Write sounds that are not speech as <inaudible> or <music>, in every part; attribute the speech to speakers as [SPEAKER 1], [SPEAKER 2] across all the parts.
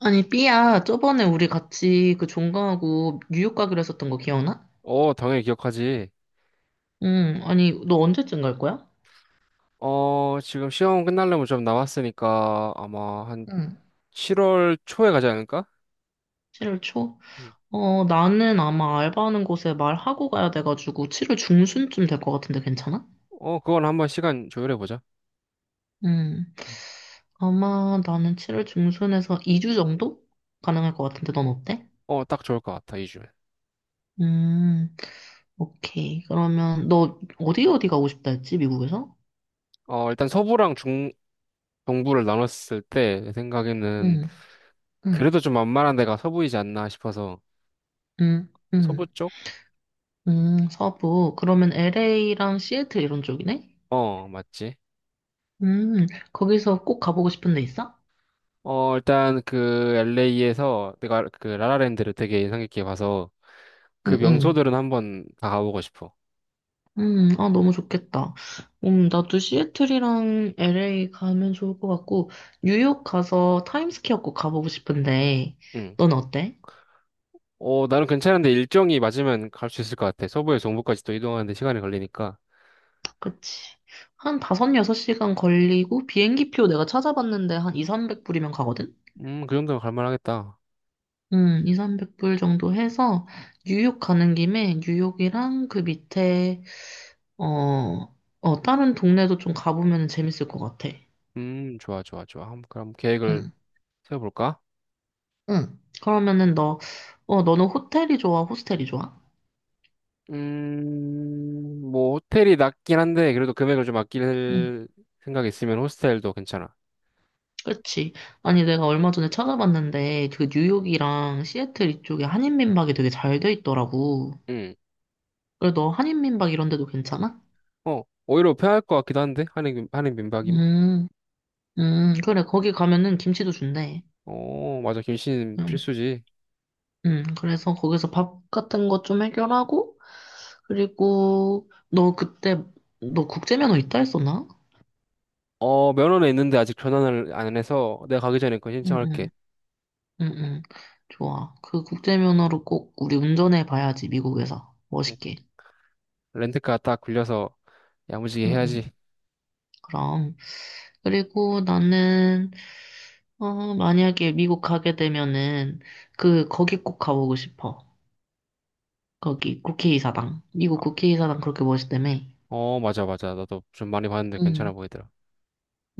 [SPEAKER 1] 아니, 삐야, 저번에 우리 같이 그 종강하고 뉴욕 가기로 했었던 거 기억나?
[SPEAKER 2] 어, 당연히 기억하지.
[SPEAKER 1] 응, 아니, 너 언제쯤 갈 거야?
[SPEAKER 2] 어, 지금 시험 끝나려면 좀 남았으니까 아마 한
[SPEAKER 1] 응.
[SPEAKER 2] 7월 초에 가지 않을까?
[SPEAKER 1] 7월 초?
[SPEAKER 2] 음.
[SPEAKER 1] 어, 나는 아마 알바하는 곳에 말하고 가야 돼가지고 7월 중순쯤 될 것 같은데 괜찮아?
[SPEAKER 2] 어, 그건 한번 시간 조율해보자.
[SPEAKER 1] 응. 아마 나는 7월 중순에서 2주 정도? 가능할 것 같은데 넌 어때?
[SPEAKER 2] 어, 딱 좋을 것 같아, 2주면.
[SPEAKER 1] 음, 오케이. 그러면 너 어디 어디 가고 싶다 했지, 미국에서?
[SPEAKER 2] 어, 일단 서부랑 중, 동부를 나눴을 때, 내 생각에는
[SPEAKER 1] 응, 응.
[SPEAKER 2] 그래도 좀 만만한 데가 서부이지 않나 싶어서.
[SPEAKER 1] 응,
[SPEAKER 2] 서부
[SPEAKER 1] 응.
[SPEAKER 2] 쪽?
[SPEAKER 1] 서부. 그러면 LA랑 시애틀 이런 쪽이네?
[SPEAKER 2] 어, 맞지.
[SPEAKER 1] 음, 거기서 꼭 가보고 싶은 데 있어?
[SPEAKER 2] 어, 일단 그 LA에서 내가 그 라라랜드를 되게 인상 깊게 봐서 그
[SPEAKER 1] 응, 응.
[SPEAKER 2] 명소들은 한번 다 가보고 싶어.
[SPEAKER 1] 아, 너무 좋겠다. 나도 시애틀이랑 LA 가면 좋을 것 같고, 뉴욕 가서 타임스퀘어 꼭 가보고 싶은데,
[SPEAKER 2] 응.
[SPEAKER 1] 넌 어때?
[SPEAKER 2] 어, 나는 괜찮은데 일정이 맞으면 갈 수 있을 것 같아. 서부에서 동부까지 또 이동하는데 시간이 걸리니까.
[SPEAKER 1] 그치. 한 5, 6시간 걸리고, 비행기 표 내가 찾아봤는데 한 2, 300불이면 가거든?
[SPEAKER 2] 그 정도면 갈만하겠다.
[SPEAKER 1] 2, 300불 정도 해서, 뉴욕 가는 김에 뉴욕이랑 그 밑에 어, 어, 다른 동네도 좀 가보면 재밌을 것 같아.
[SPEAKER 2] 좋아, 좋아, 좋아. 한번 그럼 계획을
[SPEAKER 1] 응,
[SPEAKER 2] 세워볼까?
[SPEAKER 1] 응. 그러면은 너, 너는 호텔이 좋아, 호스텔이 좋아?
[SPEAKER 2] 뭐, 호텔이 낮긴 한데, 그래도 금액을 좀
[SPEAKER 1] 응.
[SPEAKER 2] 아낄 생각이 있으면 호스텔도 괜찮아.
[SPEAKER 1] 그치. 아니, 내가 얼마 전에 찾아봤는데, 그 뉴욕이랑 시애틀 이쪽에 한인민박이 되게 잘 돼 있더라고.
[SPEAKER 2] 음,
[SPEAKER 1] 그래, 너 한인민박 이런 데도 괜찮아?
[SPEAKER 2] 오히려 편할 것 같기도 한데, 한인 민박이면?
[SPEAKER 1] 음, 그래, 거기 가면은 김치도 준대.
[SPEAKER 2] 어, 맞아. 김씨는
[SPEAKER 1] 음,
[SPEAKER 2] 필수지.
[SPEAKER 1] 그래서 거기서 밥 같은 거 좀 해결하고, 그리고 너 그때, 너 국제면허 있다 했었나?
[SPEAKER 2] 어, 면허는 있는데 아직 전환을 안 해서 내가 가기 전에 그거 신청할게.
[SPEAKER 1] 응응, 응응. 좋아. 그 국제 면허로 꼭 우리 운전해 봐야지, 미국에서.
[SPEAKER 2] 응.
[SPEAKER 1] 멋있게.
[SPEAKER 2] 렌트카 딱 굴려서 야무지게
[SPEAKER 1] 응응.
[SPEAKER 2] 해야지.
[SPEAKER 1] 그럼. 그리고 나는, 만약에 미국 가게 되면은, 그, 거기 꼭 가보고 싶어. 거기, 국회의사당. 미국 국회의사당 그렇게 멋있다며.
[SPEAKER 2] 어, 맞아, 맞아. 나도 좀 많이 봤는데 괜찮아
[SPEAKER 1] 응,
[SPEAKER 2] 보이더라.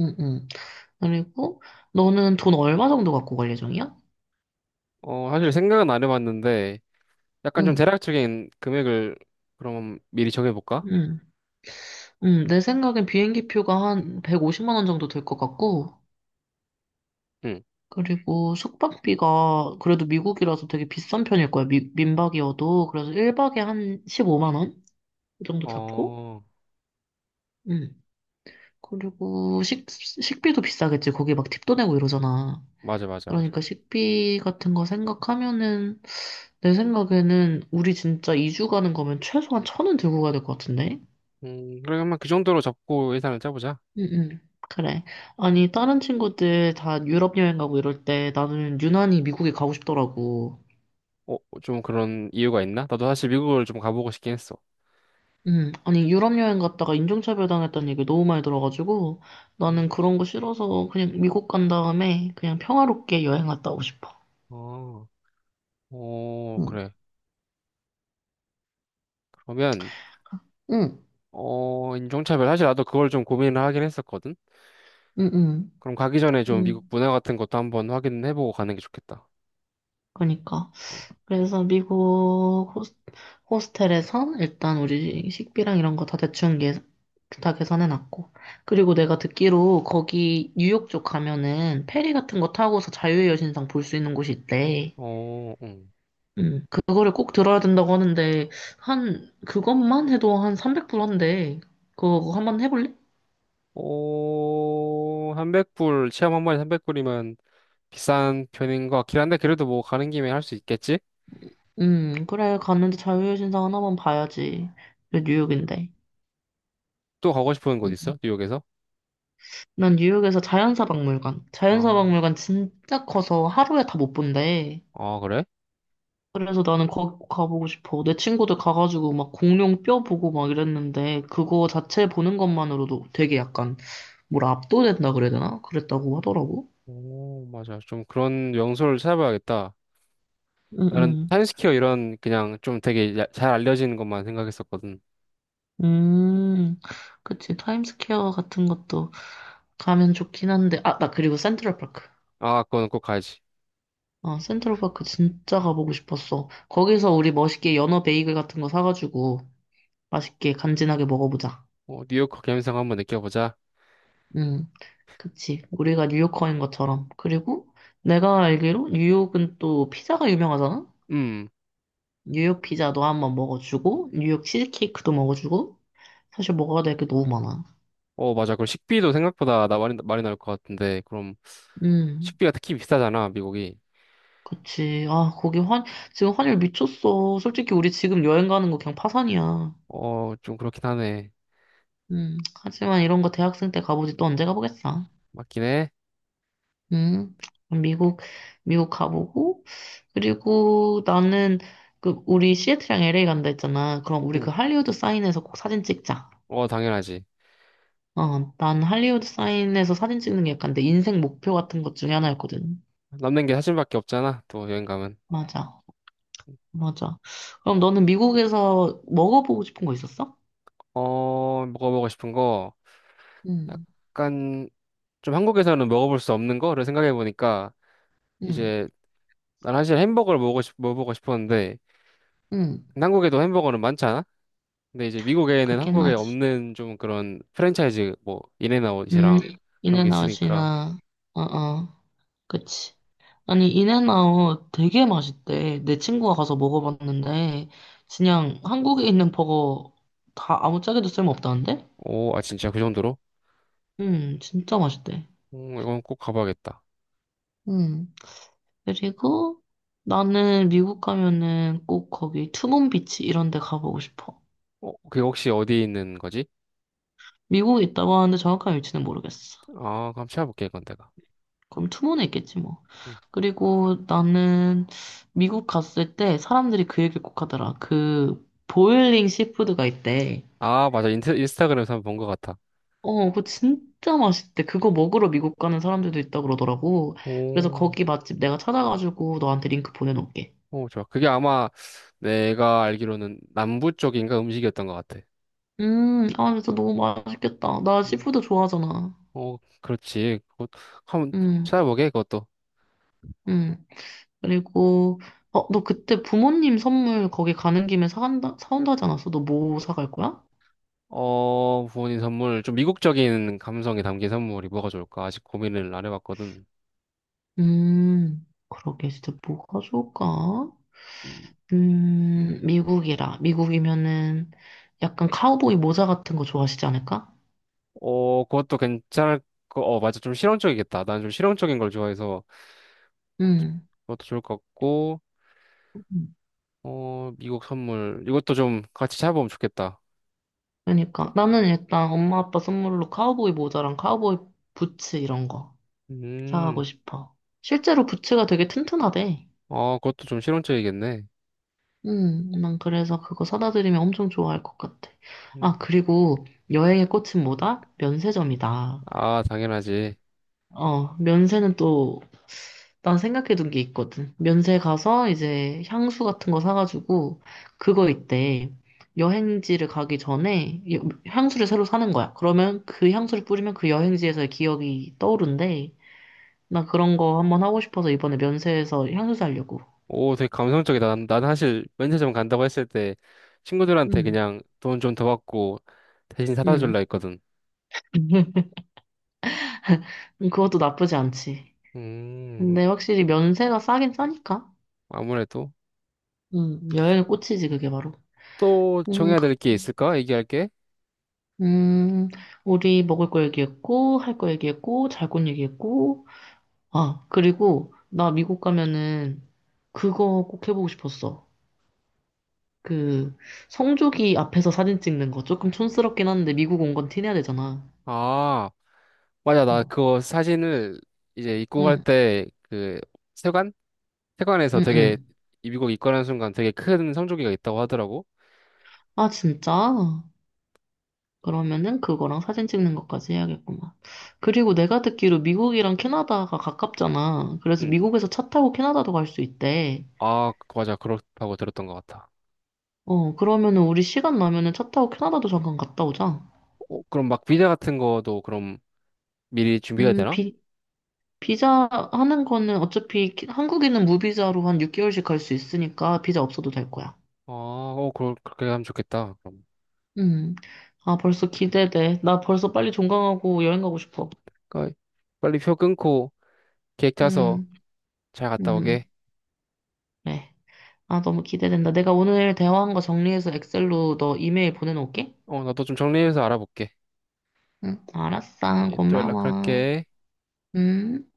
[SPEAKER 1] 응, 응. 그리고, 너는 돈 얼마 정도 갖고 갈 예정이야?
[SPEAKER 2] 어, 사실 생각은 안 해봤는데, 약간 좀
[SPEAKER 1] 응,
[SPEAKER 2] 대략적인 금액을 그럼 미리 정해볼까?
[SPEAKER 1] 응, 응. 내 생각엔 비행기 표가 한 150만 원 정도 될 것 같고,
[SPEAKER 2] 응.
[SPEAKER 1] 그리고 숙박비가 그래도 미국이라서 되게 비싼 편일 거야. 민박이어도. 그래서 1박에 한 15만 원? 그 정도 잡고.
[SPEAKER 2] 어,
[SPEAKER 1] 음. 그리고 식비도 비싸겠지. 거기 막 팁도 내고 이러잖아.
[SPEAKER 2] 맞아, 맞아, 맞아.
[SPEAKER 1] 그러니까 식비 같은 거 생각하면은 내 생각에는 우리 진짜 2주 가는 거면 최소한 1,000원 들고 가야 될 것 같은데?
[SPEAKER 2] 그러면 그 정도로 잡고 예산을 짜보자.
[SPEAKER 1] 응, 응. 그래. 아니, 다른 친구들 다 유럽 여행 가고 이럴 때 나는 유난히 미국에 가고 싶더라고.
[SPEAKER 2] 어, 좀 그런 이유가 있나? 나도 사실 미국을 좀 가보고 싶긴 했어.
[SPEAKER 1] 아니, 유럽 여행 갔다가 인종차별 당했다는 얘기 너무 많이 들어가지고,
[SPEAKER 2] 음.
[SPEAKER 1] 나는 그런 거 싫어서 그냥 미국 간 다음에 그냥 평화롭게 여행 갔다 오고 싶어.
[SPEAKER 2] 어, 어,
[SPEAKER 1] 응,
[SPEAKER 2] 그래. 그러면,
[SPEAKER 1] 응,
[SPEAKER 2] 어, 인종차별. 사실 나도 그걸 좀 고민을 하긴 했었거든?
[SPEAKER 1] 응, 응.
[SPEAKER 2] 그럼 가기 전에 좀 미국
[SPEAKER 1] 응,
[SPEAKER 2] 문화 같은 것도 한번 확인해보고 가는 게 좋겠다.
[SPEAKER 1] 그러니까.
[SPEAKER 2] 음.
[SPEAKER 1] 그래서 호스텔에서 일단 우리 식비랑 이런 거 다 대충 다 계산해 놨고. 그리고 내가 듣기로 거기 뉴욕 쪽 가면은 페리 같은 거 타고서 자유의 여신상 볼 수 있는 곳이 있대.
[SPEAKER 2] 어, 응.
[SPEAKER 1] 음. 그거를 꼭 들어야 된다고 하는데, 한, 그것만 해도 한 300불 한대. 그거 한번 해볼래?
[SPEAKER 2] 오, 300불, 체험 한 번에 300불이면 비싼 편인 것 같긴 한데, 그래도 뭐 가는 김에 할 수 있겠지?
[SPEAKER 1] 그래. 갔는데 자유의 신상 하나만 봐야지. 그래, 뉴욕인데.
[SPEAKER 2] 또 가고 싶은 곳 있어? 뉴욕에서?
[SPEAKER 1] 난 뉴욕에서 자연사 박물관. 자연사
[SPEAKER 2] 아,
[SPEAKER 1] 박물관 진짜 커서 하루에 다 못 본대.
[SPEAKER 2] 아, 그래?
[SPEAKER 1] 그래서 나는 거기 꼭 가보고 싶어. 내 친구들 가가지고 막 공룡 뼈 보고 막 이랬는데, 그거 자체 보는 것만으로도 되게 약간, 뭐라 압도된다 그래야 되나? 그랬다고 하더라고.
[SPEAKER 2] 오, 맞아. 좀 그런 명소를 찾아봐야겠다. 나는
[SPEAKER 1] 응응.
[SPEAKER 2] 타임스퀘어 이런 그냥 좀 되게 잘 알려진 것만 생각했었거든.
[SPEAKER 1] 음, 그치. 타임스퀘어 같은 것도 가면 좋긴 한데, 아, 나 그리고 센트럴파크.
[SPEAKER 2] 아, 그거는 꼭 가야지.
[SPEAKER 1] 아, 센트럴파크 진짜 가보고 싶었어. 거기서 우리 멋있게 연어 베이글 같은 거 사가지고 맛있게 간지나게 먹어보자.
[SPEAKER 2] 어, 뉴욕 감성 한번 느껴보자.
[SPEAKER 1] 응. 그치. 우리가 뉴요커인 것처럼. 그리고 내가 알기로 뉴욕은 또 피자가 유명하잖아?
[SPEAKER 2] 음,
[SPEAKER 1] 뉴욕 피자도 한번 먹어주고, 뉴욕 치즈케이크도 먹어주고, 사실 먹어야 될 게 너무 많아.
[SPEAKER 2] 어, 맞아. 그럼 식비도 생각보다 나 많이, 많이 나올 것 같은데, 그럼
[SPEAKER 1] 음.
[SPEAKER 2] 식비가 특히 비싸잖아, 미국이.
[SPEAKER 1] 그치. 지금 환율 미쳤어. 솔직히 우리 지금 여행 가는 거 그냥 파산이야.
[SPEAKER 2] 어, 좀 그렇긴 하네.
[SPEAKER 1] 하지만 이런 거 대학생 때 가보지 또 언제 가보겠어.
[SPEAKER 2] 맞긴 해.
[SPEAKER 1] 음, 미국, 미국 가보고, 그리고 나는 그, 우리 시애틀이랑 LA 간다 했잖아. 그럼 우리 그
[SPEAKER 2] 음.
[SPEAKER 1] 할리우드 사인에서 꼭 사진 찍자.
[SPEAKER 2] 어, 당연하지.
[SPEAKER 1] 어, 난 할리우드 사인에서 사진 찍는 게 약간 내 인생 목표 같은 것 중에 하나였거든.
[SPEAKER 2] 남는 게 사진밖에 없잖아, 또 여행 가면.
[SPEAKER 1] 맞아. 맞아. 그럼 너는 미국에서 먹어보고 싶은 거 있었어?
[SPEAKER 2] 어, 먹어보고 싶은 거,
[SPEAKER 1] 응,
[SPEAKER 2] 약간, 좀 한국에서는 먹어볼 수 없는 거를 생각해보니까,
[SPEAKER 1] 응,
[SPEAKER 2] 이제, 난 사실 햄버거를 먹어보고 싶었는데,
[SPEAKER 1] 응.
[SPEAKER 2] 근데 한국에도 햄버거는 많잖아? 근데 이제 미국에는
[SPEAKER 1] 그렇긴
[SPEAKER 2] 한국에
[SPEAKER 1] 하지.
[SPEAKER 2] 없는 좀 그런 프랜차이즈, 뭐,
[SPEAKER 1] 음,
[SPEAKER 2] 인앤아웃이랑 그런 게 있으니까,
[SPEAKER 1] 인앤아웃이나, 어, 어, 그치. 아니, 인앤아웃 되게 맛있대. 내 친구가 가서 먹어봤는데, 그냥 한국에 있는 버거 다 아무 짝에도 쓸모없다는데?
[SPEAKER 2] 오, 아, 진짜 그 정도로?
[SPEAKER 1] 진짜 맛있대.
[SPEAKER 2] 이건 꼭 가봐야겠다.
[SPEAKER 1] 음, 그리고 나는 미국 가면은 꼭 거기 투몬비치 이런 데 가보고 싶어.
[SPEAKER 2] 어, 그게 혹시 어디에 있는 거지?
[SPEAKER 1] 미국에 있다고 하는데 정확한 위치는 모르겠어.
[SPEAKER 2] 아, 그럼 찾아볼게, 이건 내가.
[SPEAKER 1] 그럼 투모는 있겠지 뭐.
[SPEAKER 2] 음.
[SPEAKER 1] 그리고 나는 미국 갔을 때 사람들이 그 얘기를 꼭 하더라. 그 보일링 시푸드가 있대.
[SPEAKER 2] 아, 맞아. 인스타그램에서 한번 본 것 같아.
[SPEAKER 1] 어, 그거 진짜 맛있대. 그거 먹으러 미국 가는 사람들도 있다 그러더라고. 그래서
[SPEAKER 2] 오,
[SPEAKER 1] 거기 맛집 내가 찾아가지고 너한테 링크 보내놓을게.
[SPEAKER 2] 오, 좋아. 그게 아마 내가 알기로는 남부 쪽인가 음식이었던 것 같아.
[SPEAKER 1] 아, 진짜 너무 맛있겠다. 나
[SPEAKER 2] 음,
[SPEAKER 1] 시푸드 좋아하잖아.
[SPEAKER 2] 어, 그렇지. 그것 한번
[SPEAKER 1] 음,
[SPEAKER 2] 찾아보게, 그것도.
[SPEAKER 1] 음. 그리고, 너 그때 부모님 선물 거기 가는 김에 사간다, 사온다 하지 않았어? 너 뭐 사갈 거야?
[SPEAKER 2] 어, 부모님 선물. 좀 미국적인 감성이 담긴 선물이 뭐가 좋을까? 아직 고민을 안 해봤거든.
[SPEAKER 1] 그러게, 진짜 뭐가 좋을까?
[SPEAKER 2] 음.
[SPEAKER 1] 미국이라. 미국이면은 약간 카우보이 모자 같은 거 좋아하시지 않을까?
[SPEAKER 2] 어, 그것도 괜찮을 거, 어, 맞아. 좀 실용적이겠다. 난 좀 실용적인 걸 좋아해서
[SPEAKER 1] 음,
[SPEAKER 2] 그것도 좋을 것 같고,
[SPEAKER 1] 음.
[SPEAKER 2] 어, 미국 선물. 이것도 좀 같이 찾아보면 좋겠다.
[SPEAKER 1] 그러니까. 나는 일단 엄마 아빠 선물로 카우보이 모자랑 카우보이 부츠 이런 거
[SPEAKER 2] 음,
[SPEAKER 1] 사가고 싶어. 실제로 부츠가 되게 튼튼하대.
[SPEAKER 2] 어, 그것도 좀 실용적이겠네.
[SPEAKER 1] 난 그래서 그거 사다 드리면 엄청 좋아할 것 같아. 아, 그리고 여행의 꽃은 뭐다? 면세점이다.
[SPEAKER 2] 아, 당연하지.
[SPEAKER 1] 어, 면세는 또, 난 생각해둔 게 있거든. 면세 가서 이제 향수 같은 거 사가지고, 그거 있대. 여행지를 가기 전에 향수를 새로 사는 거야. 그러면 그 향수를 뿌리면 그 여행지에서의 기억이 떠오른대. 나 그런 거 한번 하고 싶어서 이번에 면세에서 향수 사려고.
[SPEAKER 2] 오, 되게 감성적이다. 난 사실 면세점 간다고 했을 때 친구들한테
[SPEAKER 1] 응,
[SPEAKER 2] 그냥 돈 좀 더 받고 대신 사다
[SPEAKER 1] 응.
[SPEAKER 2] 줄라 했거든.
[SPEAKER 1] <laughs> 그것도 나쁘지 않지.
[SPEAKER 2] 음,
[SPEAKER 1] 근데 확실히 면세가 싸긴 싸니까.
[SPEAKER 2] 아무래도
[SPEAKER 1] 응, 여행의 꽃이지, 그게 바로.
[SPEAKER 2] 또
[SPEAKER 1] 음.
[SPEAKER 2] 정해야 될 게 있을까? 얘기할 게?
[SPEAKER 1] 음, 우리 먹을 거 얘기했고, 할 거 얘기했고, 잘 곳 얘기했고, 아, 그리고 나 미국 가면은 그거 꼭 해보고 싶었어. 그, 성조기 앞에서 사진 찍는 거 조금 촌스럽긴 한데 미국 온 건 티내야 되잖아.
[SPEAKER 2] 아, 맞아. 나
[SPEAKER 1] 응,
[SPEAKER 2] 그거 사진을 이제 입고 갈
[SPEAKER 1] 응,
[SPEAKER 2] 때 그 세관? 세관에서
[SPEAKER 1] 응,
[SPEAKER 2] 되게
[SPEAKER 1] 응.
[SPEAKER 2] 미국 입관하는 순간 되게 큰 성조기가 있다고 하더라고.
[SPEAKER 1] 아, 진짜? 그러면은 그거랑 사진 찍는 것까지 해야겠구만. 그리고 내가 듣기로 미국이랑 캐나다가 가깝잖아. 그래서
[SPEAKER 2] 응.
[SPEAKER 1] 미국에서 차 타고 캐나다도 갈 수 있대.
[SPEAKER 2] 아, 맞아. 그렇다고 들었던 것 같아.
[SPEAKER 1] 어, 그러면은 우리 시간 나면은 차 타고 캐나다도 잠깐 갔다 오자.
[SPEAKER 2] 어, 그럼 막 비자 같은 거도 그럼 미리 준비해야
[SPEAKER 1] 음,
[SPEAKER 2] 되나?
[SPEAKER 1] 비, 비자 하는 거는 어차피 한국인은 무비자로 한 6개월씩 갈 수 있으니까 비자 없어도 될 거야.
[SPEAKER 2] 아, 어, 그렇게 하면 좋겠다. 그럼.
[SPEAKER 1] 음. 아, 벌써 기대돼. 나 벌써 빨리 종강하고 여행 가고 싶어.
[SPEAKER 2] 그러니까 빨리 표 끊고 계획 짜서
[SPEAKER 1] 음,
[SPEAKER 2] 잘 갔다 오게.
[SPEAKER 1] 음, 네. 아, 너무 기대된다. 내가 오늘 대화한 거 정리해서 엑셀로 너 이메일 보내놓을게.
[SPEAKER 2] 어, 나도 좀 정리해서 알아볼게.
[SPEAKER 1] 응, 알았어.
[SPEAKER 2] 오케이, 또
[SPEAKER 1] 고마워.
[SPEAKER 2] 연락할게.
[SPEAKER 1] 음.